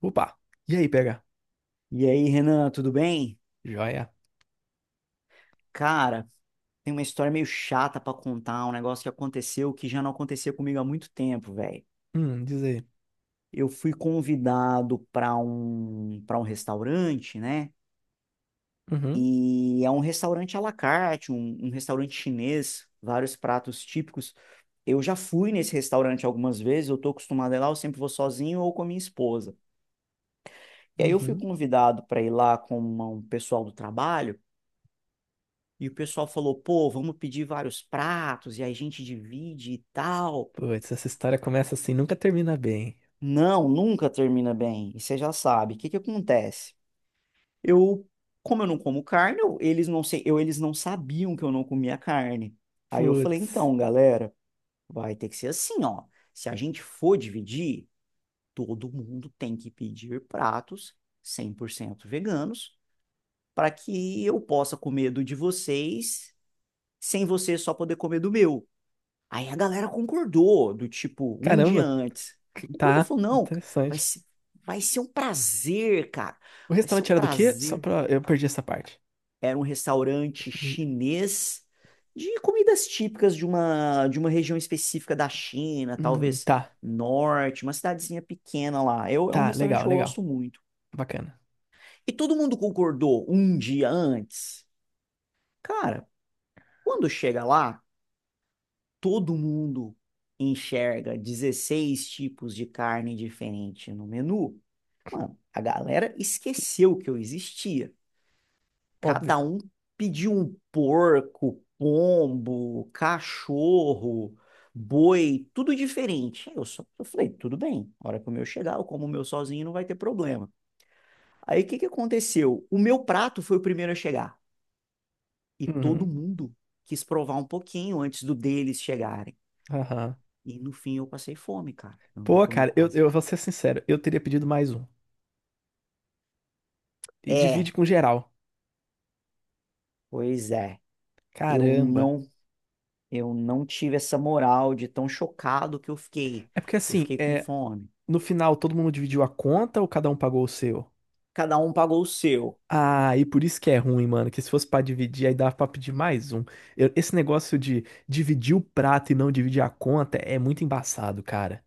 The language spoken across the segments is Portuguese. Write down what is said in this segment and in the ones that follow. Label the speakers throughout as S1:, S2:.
S1: Opa! E aí, PH?
S2: E aí, Renan, tudo bem?
S1: Joia?
S2: Cara, tem uma história meio chata pra contar, um negócio que aconteceu que já não acontecia comigo há muito tempo, velho.
S1: Diz aí.
S2: Eu fui convidado pra um para um restaurante, né?
S1: Uhum,
S2: E é um restaurante à la carte, um restaurante chinês, vários pratos típicos. Eu já fui nesse restaurante algumas vezes, eu tô acostumado a ir lá, eu sempre vou sozinho ou com a minha esposa. E aí eu fui
S1: uhum.
S2: convidado para ir lá com um pessoal do trabalho. E o pessoal falou, pô, vamos pedir vários pratos e aí a gente divide e tal.
S1: Putz, essa história começa assim, nunca termina bem.
S2: Não, nunca termina bem. E você já sabe. O que que acontece? Eu, como eu não como carne, eles não sei, eles não sabiam que eu não comia carne. Aí eu falei,
S1: Putz.
S2: então, galera, vai ter que ser assim, ó. Se a gente for dividir, todo mundo tem que pedir pratos 100% veganos para que eu possa comer do de vocês, sem vocês só poder comer do meu. Aí a galera concordou, do tipo, um dia
S1: Caramba,
S2: antes. Concordou, falou, não, vai
S1: interessante.
S2: ser, vai ser um prazer, cara.
S1: O
S2: Vai ser
S1: restaurante
S2: um
S1: era do quê? Só
S2: prazer.
S1: pra. Eu perdi essa parte.
S2: Era um restaurante chinês de comidas típicas de uma região específica da China, talvez
S1: Tá,
S2: norte, uma cidadezinha pequena lá. Eu, é um
S1: tá,
S2: restaurante
S1: legal,
S2: que eu
S1: legal.
S2: gosto muito.
S1: Bacana.
S2: E todo mundo concordou um dia antes. Cara, quando chega lá, todo mundo enxerga 16 tipos de carne diferente no menu, mano, a galera esqueceu que eu existia.
S1: Óbvio.
S2: Cada um pediu um porco, pombo, cachorro, boi, tudo diferente. Aí Eu só eu falei, tudo bem, a hora que o meu chegar, eu como o meu sozinho, não vai ter problema. Aí o que que aconteceu? O meu prato foi o primeiro a chegar e todo
S1: Uhum,
S2: mundo quis provar um pouquinho antes do deles chegarem.
S1: aham.
S2: E no fim eu passei fome, cara. Eu não
S1: Pô,
S2: comi
S1: cara, eu,
S2: quase
S1: eu vou
S2: nada.
S1: ser sincero, eu teria pedido mais um. E
S2: É,
S1: divide com geral.
S2: pois é. Eu
S1: Caramba.
S2: não, eu não tive essa moral de tão chocado que eu fiquei.
S1: É porque
S2: Eu
S1: assim,
S2: fiquei com
S1: é,
S2: fome.
S1: no final todo mundo dividiu a conta ou cada um pagou o seu?
S2: Cada um pagou o seu.
S1: Ah, e por isso que é ruim, mano. Que se fosse pra dividir, aí dava pra pedir mais um. Esse negócio de dividir o prato e não dividir a conta é muito embaçado, cara.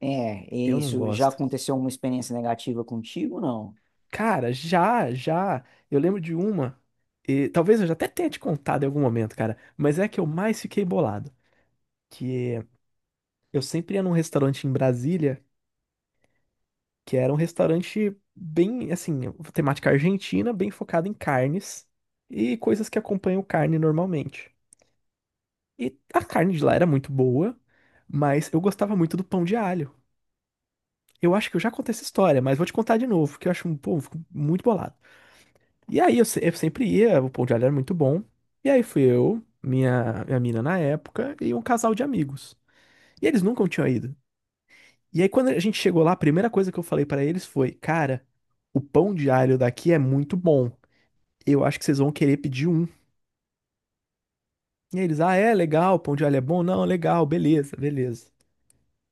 S2: É,
S1: Eu
S2: e
S1: não
S2: isso já
S1: gosto.
S2: aconteceu uma experiência negativa contigo, não?
S1: Cara, já, já. Eu lembro de uma. E talvez eu já até tenha te contado em algum momento, cara. Mas é a que eu mais fiquei bolado. Que eu sempre ia num restaurante em Brasília, que era um restaurante bem, assim, temática argentina, bem focado em carnes e coisas que acompanham carne normalmente. E a carne de lá era muito boa, mas eu gostava muito do pão de alho. Eu acho que eu já contei essa história, mas vou te contar de novo, que eu acho, pô, eu fico muito bolado. E aí eu, se- eu sempre ia, o pão de alho era muito bom. E aí fui eu, minha mina na época, e um casal de amigos. E eles nunca tinham ido. E aí quando a gente chegou lá, a primeira coisa que eu falei pra eles foi: Cara, o pão de alho daqui é muito bom. Eu acho que vocês vão querer pedir um. E aí eles, ah, é legal, pão de alho é bom? Não, legal, beleza, beleza.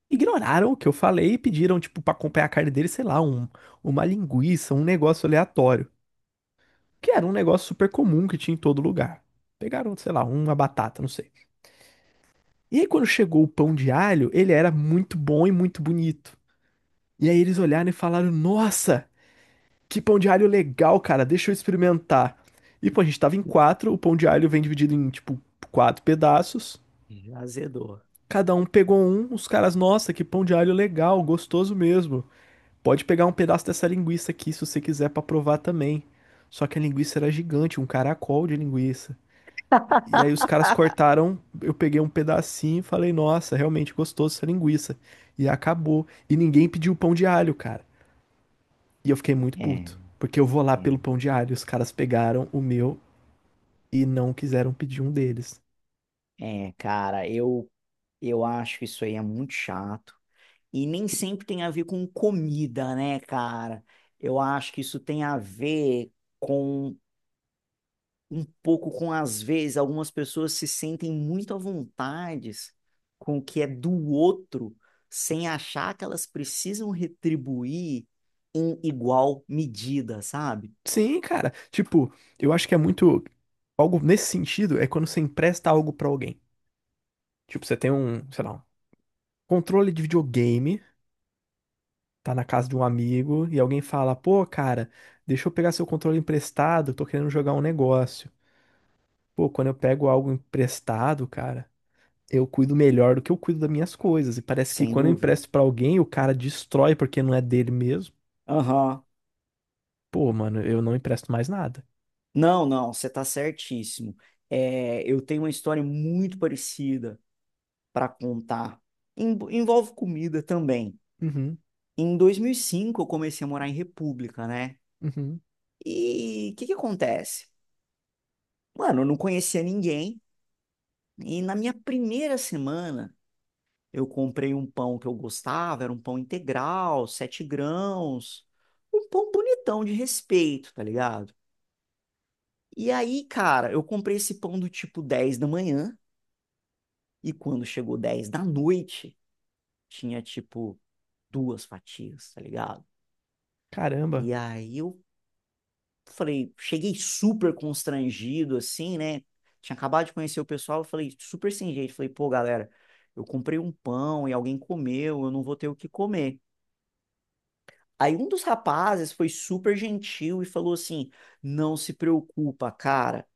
S1: Ignoraram o que eu falei e pediram, tipo, pra acompanhar a carne dele, sei lá, uma linguiça, um negócio aleatório. Que era um negócio super comum que tinha em todo lugar. Pegaram, sei lá, uma batata, não sei. E aí, quando chegou o pão de alho, ele era muito bom e muito bonito. E aí eles olharam e falaram: Nossa, que pão de alho legal, cara, deixa eu experimentar. E pô, a gente tava em quatro, o pão de alho vem dividido em, tipo, quatro pedaços.
S2: Já azedou.
S1: Cada um pegou um, os caras, nossa, que pão de alho legal, gostoso mesmo. Pode pegar um pedaço dessa linguiça aqui se você quiser pra provar também. Só que a linguiça era gigante, um caracol de linguiça. E aí os caras cortaram, eu peguei um pedacinho e falei, nossa, realmente gostoso essa linguiça. E acabou. E ninguém pediu pão de alho, cara. E eu fiquei muito
S2: É,
S1: puto. Porque eu vou lá pelo
S2: é,
S1: pão de alho. Os caras pegaram o meu e não quiseram pedir um deles.
S2: é, cara, eu acho que isso aí é muito chato. E nem sempre tem a ver com comida, né, cara? Eu acho que isso tem a ver com um pouco com, às vezes, algumas pessoas se sentem muito à vontade com o que é do outro, sem achar que elas precisam retribuir em igual medida, sabe?
S1: Sim, cara. Tipo, eu acho que é muito. Algo nesse sentido é quando você empresta algo pra alguém. Tipo, você tem um, sei lá, um controle de videogame, tá na casa de um amigo e alguém fala: pô, cara, deixa eu pegar seu controle emprestado, tô querendo jogar um negócio. Pô, quando eu pego algo emprestado, cara, eu cuido melhor do que eu cuido das minhas coisas. E parece que
S2: Sem
S1: quando eu
S2: dúvida.
S1: empresto pra alguém, o cara destrói porque não é dele mesmo.
S2: Aham.
S1: Pô, mano, eu não empresto mais nada.
S2: Não, não, você tá certíssimo. É, eu tenho uma história muito parecida para contar. Em- envolve comida também.
S1: Uhum,
S2: Em 2005 eu comecei a morar em República, né?
S1: uhum.
S2: E o que que acontece? Mano, eu não conhecia ninguém. E na minha primeira semana, eu comprei um pão que eu gostava, era um pão integral, sete grãos, um pão bonitão de respeito, tá ligado? E aí, cara, eu comprei esse pão do tipo 10 da manhã, e quando chegou 10 da noite, tinha tipo duas fatias, tá ligado?
S1: Caramba.
S2: E aí eu falei, cheguei super constrangido, assim, né? Tinha acabado de conhecer o pessoal, eu falei, super sem jeito, falei, pô, galera. Eu comprei um pão e alguém comeu, eu não vou ter o que comer. Aí um dos rapazes foi super gentil e falou assim: Não se preocupa, cara.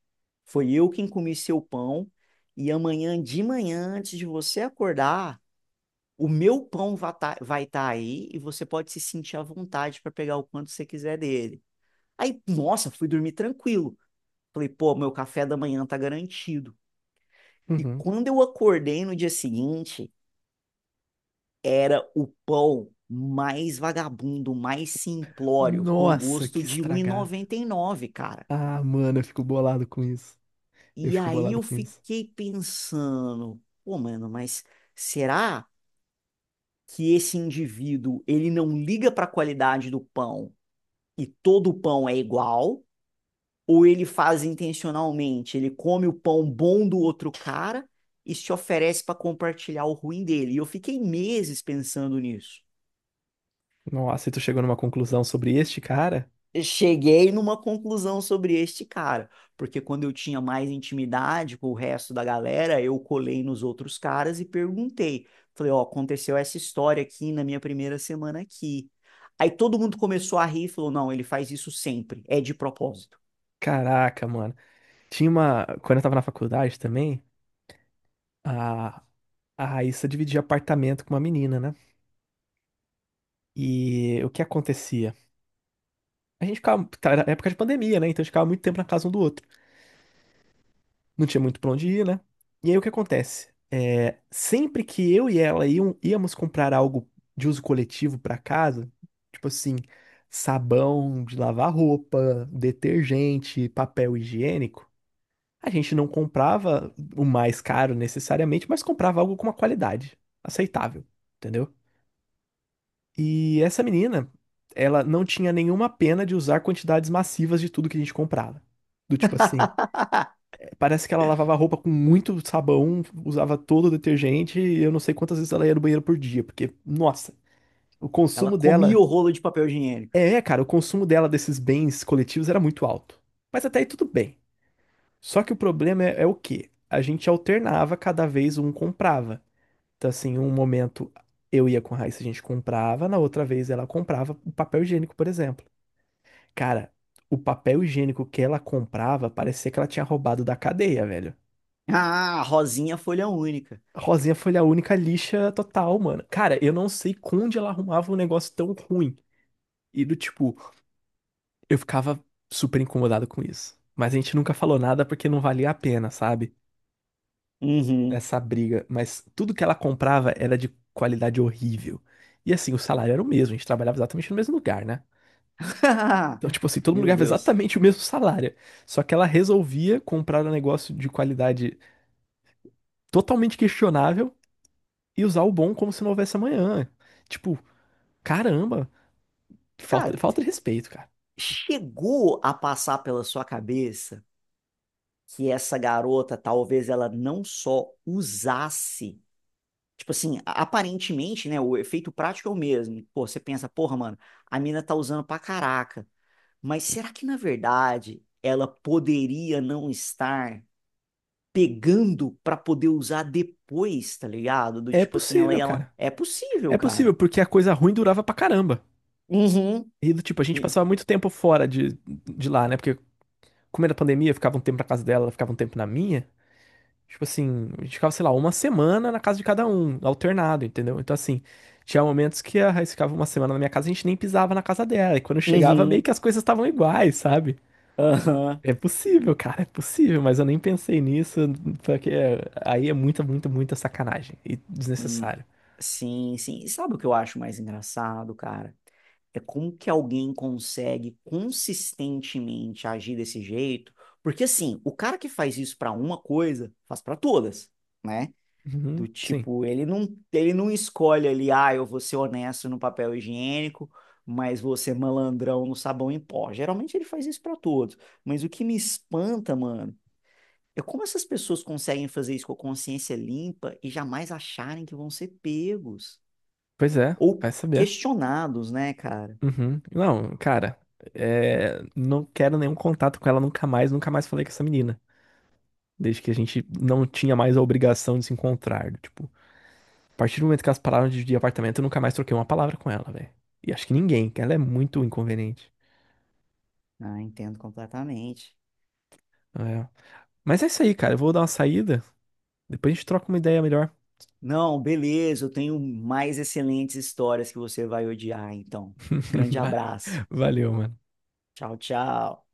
S2: Foi eu quem comi seu pão. E amanhã de manhã, antes de você acordar, o meu pão va- tá- vai estar aí e você pode se sentir à vontade para pegar o quanto você quiser dele. Aí, nossa, fui dormir tranquilo. Falei, pô, meu café da manhã tá garantido. E
S1: Uhum.
S2: quando eu acordei no dia seguinte, era o pão mais vagabundo, mais simplório, com
S1: Nossa,
S2: gosto
S1: que
S2: de um e
S1: estragado.
S2: 99, cara.
S1: Ah, mano, eu fico bolado com isso. Eu
S2: E
S1: fico
S2: aí
S1: bolado
S2: eu
S1: com isso.
S2: fiquei pensando, pô, mano, mas será que esse indivíduo, ele não liga para a qualidade do pão e todo pão é igual? Ou ele faz intencionalmente, ele come o pão bom do outro cara e se oferece para compartilhar o ruim dele? E eu fiquei meses pensando nisso.
S1: Nossa, e tu chegou numa conclusão sobre este cara?
S2: Cheguei numa conclusão sobre este cara, porque quando eu tinha mais intimidade com o resto da galera, eu colei nos outros caras e perguntei. Falei, ó, aconteceu essa história aqui na minha primeira semana aqui. Aí todo mundo começou a rir e falou, não, ele faz isso sempre, é de propósito.
S1: Caraca, mano. Tinha uma. Quando eu tava na faculdade também, a, a Raíssa dividia apartamento com uma menina, né? E o que acontecia? A gente ficava. Tá, era época de pandemia, né? Então a gente ficava muito tempo na casa um do outro. Não tinha muito pra onde ir, né? E aí o que acontece? É, sempre que eu e ela iam, íamos comprar algo de uso coletivo pra casa, tipo assim, sabão de lavar roupa, detergente, papel higiênico. A gente não comprava o mais caro necessariamente, mas comprava algo com uma qualidade aceitável, entendeu? E essa menina, ela não tinha nenhuma pena de usar quantidades massivas de tudo que a gente comprava. Do tipo assim, parece que ela lavava a roupa com muito sabão, usava todo o detergente, e eu não sei quantas vezes ela ia no banheiro por dia, porque, nossa, o
S2: Ela
S1: consumo
S2: comia
S1: dela.
S2: o rolo de papel higiênico.
S1: É, cara, o consumo dela desses bens coletivos era muito alto. Mas até aí tudo bem. Só que o problema é, é o quê? A gente alternava, cada vez um comprava. Então, assim, um momento eu ia com a Raíssa, a gente comprava, na outra vez ela comprava o papel higiênico, por exemplo. Cara, o papel higiênico que ela comprava parecia que ela tinha roubado da cadeia, velho.
S2: Ah, Rosinha folha única.
S1: A Rosinha foi a única lixa total, mano. Cara, eu não sei onde ela arrumava um negócio tão ruim. E do tipo, eu ficava super incomodado com isso. Mas a gente nunca falou nada porque não valia a pena, sabe?
S2: Uhum.
S1: Essa briga, mas tudo que ela comprava era de qualidade horrível. E assim, o salário era o mesmo, a gente trabalhava exatamente no mesmo lugar, né? Então, tipo assim, todo mundo
S2: Meu
S1: ganhava
S2: Deus.
S1: exatamente o mesmo salário. Só que ela resolvia comprar um negócio de qualidade totalmente questionável e usar o bom como se não houvesse amanhã. Tipo, caramba,
S2: Cara,
S1: falta de respeito, cara.
S2: chegou a passar pela sua cabeça que essa garota talvez ela não só usasse, tipo assim, aparentemente, né, o efeito prático é o mesmo. Pô, você pensa, porra, mano, a mina tá usando pra caraca. Mas será que na verdade ela poderia não estar pegando pra poder usar depois, tá ligado? Do
S1: É
S2: tipo assim, ela
S1: possível,
S2: ela
S1: cara.
S2: é possível,
S1: É possível,
S2: cara.
S1: porque a coisa ruim durava pra caramba.
S2: Uhum.
S1: E do tipo, a gente
S2: E-
S1: passava muito tempo de lá, né? Porque como era pandemia, eu ficava um tempo na casa dela, ela ficava um tempo na minha. Tipo assim, a gente ficava, sei lá, uma semana na casa de cada um, alternado, entendeu? Então, assim, tinha momentos que a Raíssa ficava uma semana na minha casa e a gente nem pisava na casa dela. E quando eu chegava, meio
S2: Uhum.
S1: que as coisas estavam iguais, sabe?
S2: Aham.
S1: É possível, cara, é possível, mas eu nem pensei nisso, porque aí é muita sacanagem e
S2: Hum,
S1: desnecessário.
S2: sim, sim. E sabe o que eu acho mais engraçado, cara? É como que alguém consegue consistentemente agir desse jeito? Porque assim, o cara que faz isso para uma coisa, faz para todas, né? Do
S1: Uhum, sim.
S2: tipo, ele não escolhe ali, ah, eu vou ser honesto no papel higiênico, mas vou ser malandrão no sabão em pó. Geralmente ele faz isso para todos. Mas o que me espanta, mano, é como essas pessoas conseguem fazer isso com a consciência limpa e jamais acharem que vão ser pegos
S1: Pois é,
S2: ou
S1: vai saber.
S2: questionados, né, cara?
S1: Uhum. Não, cara, é, não quero nenhum contato com ela nunca mais, nunca mais falei com essa menina. Desde que a gente não tinha mais a obrigação de se encontrar. Tipo, a partir do momento que elas pararam de dividir apartamento, eu nunca mais troquei uma palavra com ela, velho. E acho que ninguém, que ela é muito inconveniente.
S2: Ah, entendo completamente.
S1: É. Mas é isso aí, cara. Eu vou dar uma saída. Depois a gente troca uma ideia melhor.
S2: Não, beleza, eu tenho mais excelentes histórias que você vai odiar, então. Grande
S1: Va-
S2: abraço.
S1: Valeu, mano.
S2: Tchau, tchau.